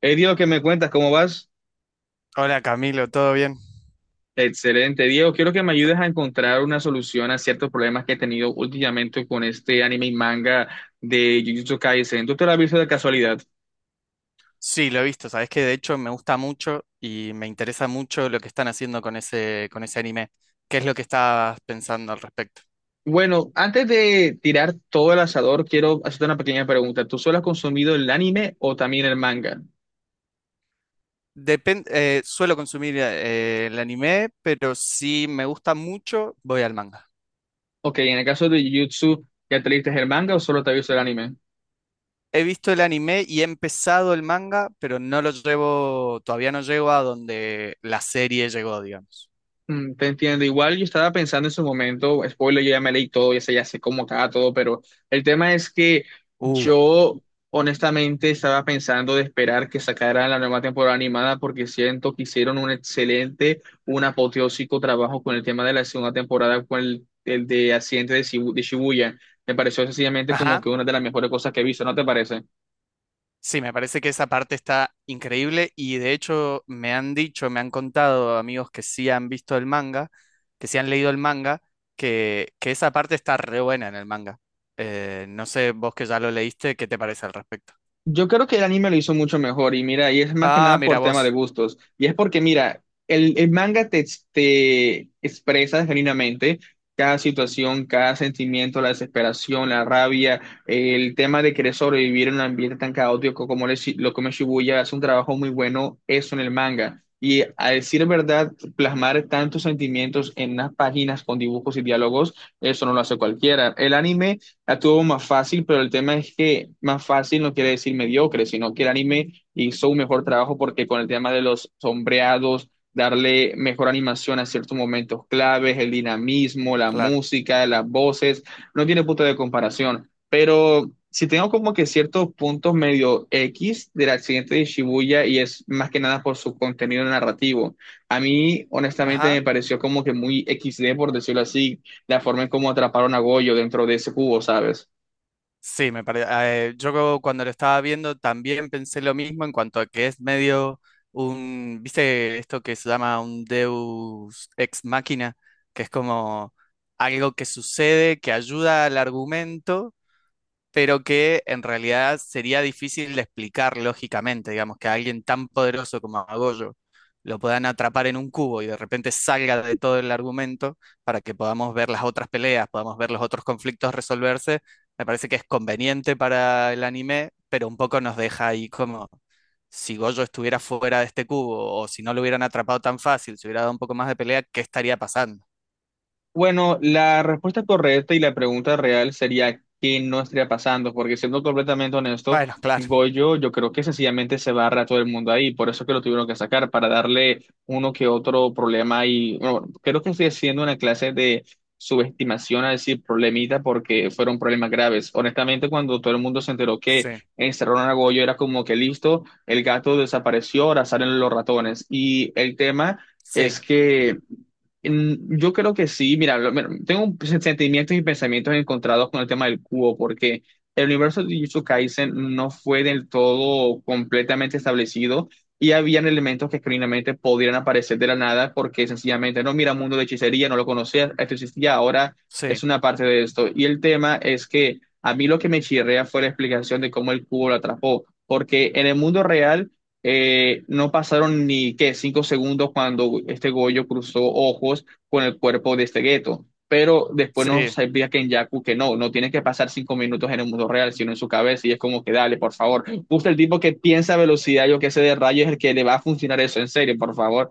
Hey Diego, ¿qué me cuentas? ¿Cómo vas? Hola Camilo, ¿todo bien? Excelente, Diego. Quiero que me ayudes a encontrar una solución a ciertos problemas que he tenido últimamente con este anime y manga de Jujutsu Kaisen. ¿Tú te lo has visto de casualidad? Sí, lo he visto, sabes que de hecho me gusta mucho y me interesa mucho lo que están haciendo con ese anime. ¿Qué es lo que estás pensando al respecto? Bueno, antes de tirar todo el asador, quiero hacerte una pequeña pregunta. ¿Tú solo has consumido el anime o también el manga? Suelo consumir el anime, pero si me gusta mucho, voy al manga. Ok, en el caso de Jujutsu, ¿ya te leíste el manga o solo te has visto el anime? He visto el anime y he empezado el manga, pero no lo llevo, todavía no llego a donde la serie llegó, digamos. Te entiendo. Igual yo estaba pensando en su momento, spoiler, yo ya me leí todo, ya sé cómo acaba todo, pero el tema es que Uh. yo honestamente estaba pensando de esperar que sacaran la nueva temporada animada porque siento que hicieron un excelente, un apoteósico trabajo con el tema de la segunda temporada, con el de accidente de, de Shibuya. Me pareció sencillamente como Ajá. que una de las mejores cosas que he visto, ¿no te parece? Sí, me parece que esa parte está increíble y de hecho me han dicho, me han contado amigos que sí han visto el manga, que sí han leído el manga, que esa parte está re buena en el manga. No sé, vos que ya lo leíste, ¿qué te parece al respecto? Yo creo que el anime lo hizo mucho mejor y mira, y es más que Ah, nada mira por tema de vos, gustos. Y es porque, mira, el manga te, te expresa genuinamente cada situación, cada sentimiento, la desesperación, la rabia, el tema de querer sobrevivir en un ambiente tan caótico como lo es lo como es Shibuya, hace un trabajo muy bueno eso en el manga. Y a decir verdad, plasmar tantos sentimientos en unas páginas con dibujos y diálogos, eso no lo hace cualquiera. El anime la tuvo más fácil, pero el tema es que más fácil no quiere decir mediocre, sino que el anime hizo un mejor trabajo porque con el tema de los sombreados, darle mejor animación a ciertos momentos claves, el dinamismo, la claro. música, las voces, no tiene punto de comparación. Pero si tengo como que ciertos puntos medio X del accidente de Shibuya y es más que nada por su contenido narrativo. A mí, honestamente, Ajá. me pareció como que muy XD, por decirlo así, la forma en cómo atraparon a Goyo dentro de ese cubo, ¿sabes? Sí, me parece. Yo creo cuando lo estaba viendo también pensé lo mismo en cuanto a que es medio un, ¿viste esto que se llama un Deus ex machina? Que es como algo que sucede, que ayuda al argumento, pero que en realidad sería difícil de explicar lógicamente, digamos, que a alguien tan poderoso como a Goyo lo puedan atrapar en un cubo y de repente salga de todo el argumento para que podamos ver las otras peleas, podamos ver los otros conflictos resolverse, me parece que es conveniente para el anime, pero un poco nos deja ahí como si Goyo estuviera fuera de este cubo o si no lo hubieran atrapado tan fácil, si hubiera dado un poco más de pelea, ¿qué estaría pasando? Bueno, la respuesta correcta y la pregunta real sería qué no estaría pasando, porque siendo completamente honesto, Bueno, claro, Goyo yo creo que sencillamente se barra a todo el mundo ahí, por eso que lo tuvieron que sacar, para darle uno que otro problema y bueno, creo que estoy haciendo una clase de subestimación a decir problemita porque fueron problemas graves. Honestamente, cuando todo el mundo se enteró que sí, encerraron a Goyo era como que listo, el gato desapareció, ahora salen los ratones y el tema sí, es que... Yo creo que sí, mira, mira, sentimientos y pensamientos encontrados con el tema del cubo, porque el universo de Jujutsu Kaisen no fue del todo completamente establecido y habían elementos que genuinamente podrían aparecer de la nada porque sencillamente, no, mira, mundo de hechicería, no lo conocía, esto existía, ahora es sí, una parte de esto. Y el tema es que a mí lo que me chirrea fue la explicación de cómo el cubo lo atrapó, porque en el mundo real... No pasaron ni qué, cinco segundos cuando este Goyo cruzó ojos con el cuerpo de este Geto. Pero después nos sí. sabía Kenyaku que no, no tiene que pasar cinco minutos en el mundo real, sino en su cabeza. Y es como que dale, por favor. Justo el tipo que piensa a velocidad, yo que sé, de rayo, es el que le va a funcionar eso, en serio, por favor.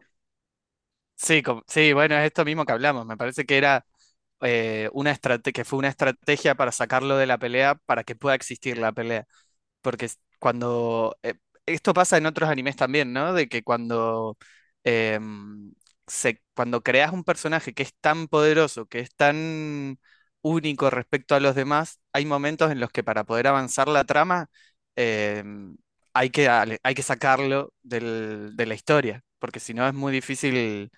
Sí, sí, bueno, es esto mismo que hablamos. Me parece que era una estrategia, que fue una estrategia para sacarlo de la pelea para que pueda existir la pelea. Cuando esto pasa en otros animes también, ¿no? De que cuando em, se, cuando creas un personaje que es tan poderoso, que es tan único respecto a los demás, hay momentos en los que para poder avanzar la trama em, hay que, hay que sacarlo de la historia, porque si no es muy difícil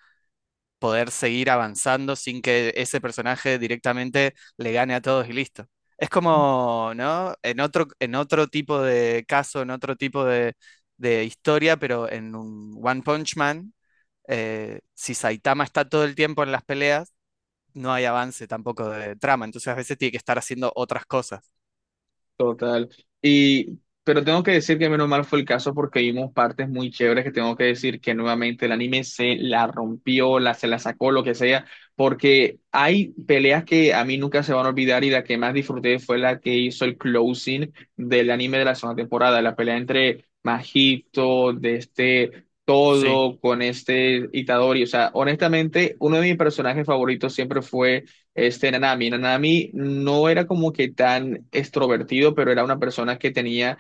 poder seguir avanzando sin que ese personaje directamente le gane a todos y listo. Es como, ¿no? En otro tipo de caso, en otro tipo de historia, pero en un One Punch Man, si Saitama está todo el tiempo en las peleas, no hay avance tampoco de trama, entonces a veces tiene que estar haciendo otras cosas. Total. Y, pero tengo que decir que menos mal fue el caso porque vimos partes muy chéveres que tengo que decir que nuevamente el anime se la rompió, la, se la sacó, lo que sea, porque hay peleas que a mí nunca se van a olvidar y la que más disfruté fue la que hizo el closing del anime de la segunda temporada, la pelea entre Majito, de este Sí, todo, con este Itadori. O sea, honestamente, uno de mis personajes favoritos siempre fue este Nanami. Nanami no era como que tan extrovertido, pero era una persona que tenía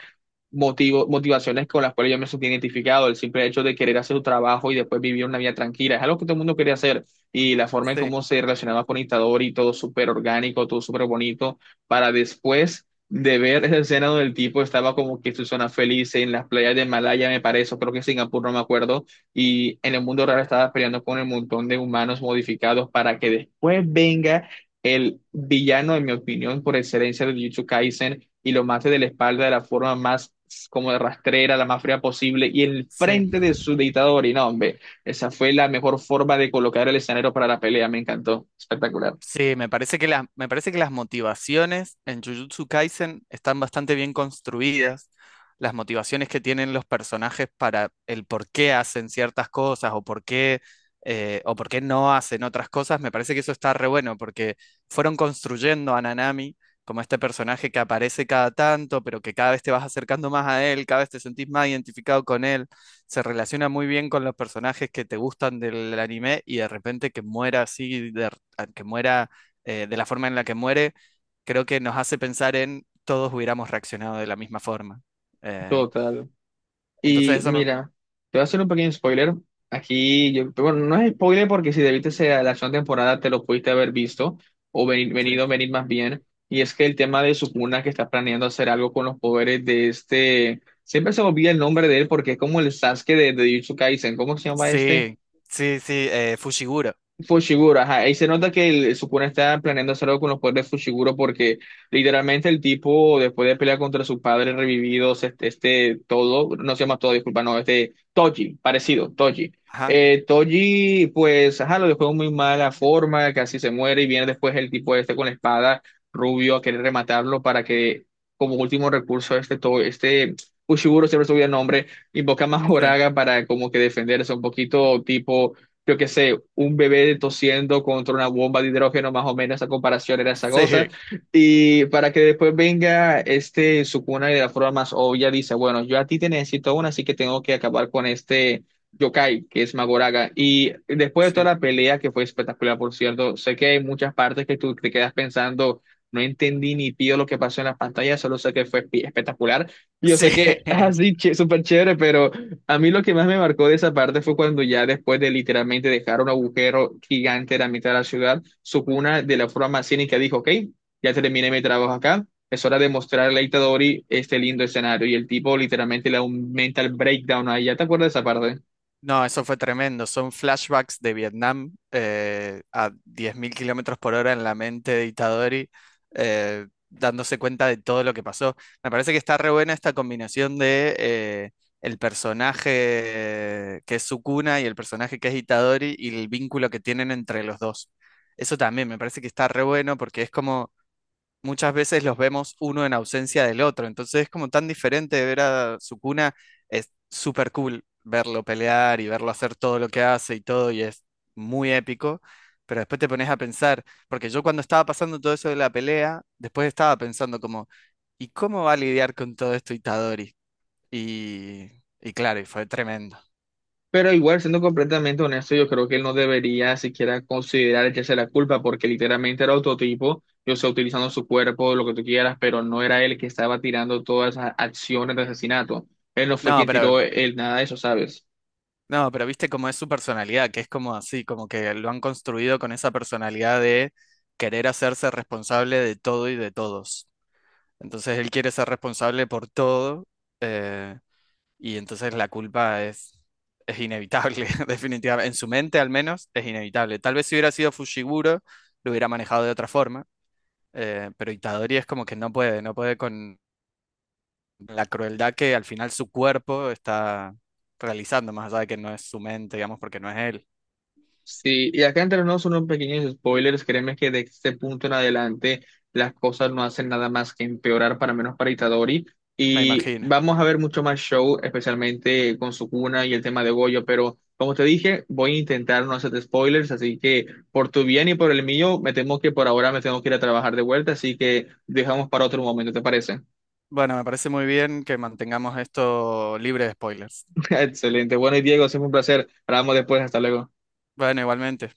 motivaciones con las cuales yo me sentí identificado, el simple hecho de querer hacer su trabajo y después vivir una vida tranquila, es algo que todo el mundo quería hacer y la forma en sí, cómo se relacionaba con Itadori, todo súper orgánico, todo súper bonito, para después de ver esa escena donde el tipo estaba como que en su zona feliz en las playas de Malaya, me parece, o creo que Singapur, no me acuerdo, y en el mundo real estaba peleando con un montón de humanos modificados para que después venga el villano, en mi opinión, por excelencia de Jujutsu Kaisen, y lo mate de la espalda de la forma más como de rastrera, la más fría posible, y el frente sí. de su dictador. Y no, hombre, esa fue la mejor forma de colocar el escenario para la pelea, me encantó, espectacular, Sí, me parece que las, me parece que las motivaciones en Jujutsu Kaisen están bastante bien construidas. Las motivaciones que tienen los personajes para el por qué hacen ciertas cosas o por qué no hacen otras cosas, me parece que eso está re bueno porque fueron construyendo a Nanami como este personaje que aparece cada tanto, pero que cada vez te vas acercando más a él, cada vez te sentís más identificado con él. Se relaciona muy bien con los personajes que te gustan del anime y de repente que muera así, que muera de la forma en la que muere, creo que nos hace pensar en todos hubiéramos reaccionado de la misma forma. Eh, total. entonces Y eso me... mira, te voy a hacer un pequeño spoiler. Aquí, yo, bueno, no es spoiler porque si debiste ser la segunda temporada te lo pudiste haber visto o Sí, venir más bien. Y es que el tema de Sukuna, que está planeando hacer algo con los poderes de este. Siempre se me olvida el nombre de él porque es como el Sasuke de Jujutsu Kaisen. ¿Cómo se llama este? sí, sí, sí, Fushiguro. Fushiguro, ajá, ahí se nota que el Sukuna está planeando hacer algo con los poderes de Fushiguro porque literalmente el tipo después de pelear contra su padre revividos, este todo, no se llama todo, disculpa, no, este Toji, parecido, Toji. Ajá, Toji, pues, ajá, lo dejó en muy mala forma, casi se muere y viene después el tipo este con la espada rubio a querer rematarlo para que como último recurso este, este Fushiguro, siempre se me olvida el nombre, invoca a sí, Mahoraga para como que defenderse un poquito tipo yo qué sé, un bebé tosiendo contra una bomba de hidrógeno, más o menos, esa comparación era esa cosa. sí, Y para que después venga este Sukuna y de la forma más obvia dice, bueno, yo a ti te necesito una, así que tengo que acabar con este yokai, que es Magoraga. Y después de toda sí, la pelea, que fue espectacular, por cierto, sé que hay muchas partes que tú te quedas pensando. No entendí ni pío lo que pasó en la pantalla, solo sé que fue espectacular. Y yo sí. sé que así, súper chévere, pero a mí lo que más me marcó de esa parte fue cuando ya después de literalmente dejar un agujero gigante en la mitad de la ciudad, Sukuna de la forma más cínica dijo, ok, ya terminé mi trabajo acá, es hora de mostrarle a Itadori este lindo escenario. Y el tipo literalmente le da un mental breakdown ahí. ¿Ya te acuerdas de esa parte? No, eso fue tremendo. Son flashbacks de Vietnam a 10.000 kilómetros por hora en la mente de Itadori, dándose cuenta de todo lo que pasó. Me parece que está re buena esta combinación de el personaje que es Sukuna y el personaje que es Itadori y el vínculo que tienen entre los dos. Eso también me parece que está re bueno porque es como muchas veces los vemos uno en ausencia del otro. Entonces es como tan diferente ver a Sukuna. Es súper cool verlo pelear y verlo hacer todo lo que hace y todo, y es muy épico. Pero después te pones a pensar, porque yo cuando estaba pasando todo eso de la pelea, después estaba pensando como, ¿y cómo va a lidiar con todo esto Itadori? Y, y claro, y fue tremendo. Pero igual, siendo completamente honesto, yo creo que él no debería siquiera considerar echarse la culpa porque literalmente era otro tipo, yo sé, utilizando su cuerpo, lo que tú quieras, pero no era él que estaba tirando todas esas acciones de asesinato. Él no fue No, quien pero tiró el nada de eso, ¿sabes? no, pero viste cómo es su personalidad, que es como así, como que lo han construido con esa personalidad de querer hacerse responsable de todo y de todos. Entonces él quiere ser responsable por todo, eh, y entonces la culpa es inevitable, definitivamente. En su mente al menos es inevitable. Tal vez si hubiera sido Fushiguro, lo hubiera manejado de otra forma, pero Itadori es como que no puede, no puede con la crueldad que al final su cuerpo está realizando, más allá de que no es su mente, digamos, porque no es él. Sí, y acá entre nosotros unos pequeños spoilers, créeme que de este punto en adelante las cosas no hacen nada más que empeorar para menos para Itadori Me y imagino. vamos a ver mucho más show, especialmente con Sukuna y el tema de Goyo, pero como te dije, voy a intentar no hacer spoilers, así que por tu bien y por el mío, me temo que por ahora me tengo que ir a trabajar de vuelta, así que dejamos para otro momento, ¿te parece? Bueno, me parece muy bien que mantengamos esto libre de spoilers. Excelente, bueno y Diego, siempre un placer, hablamos después, hasta luego. Bueno, igualmente.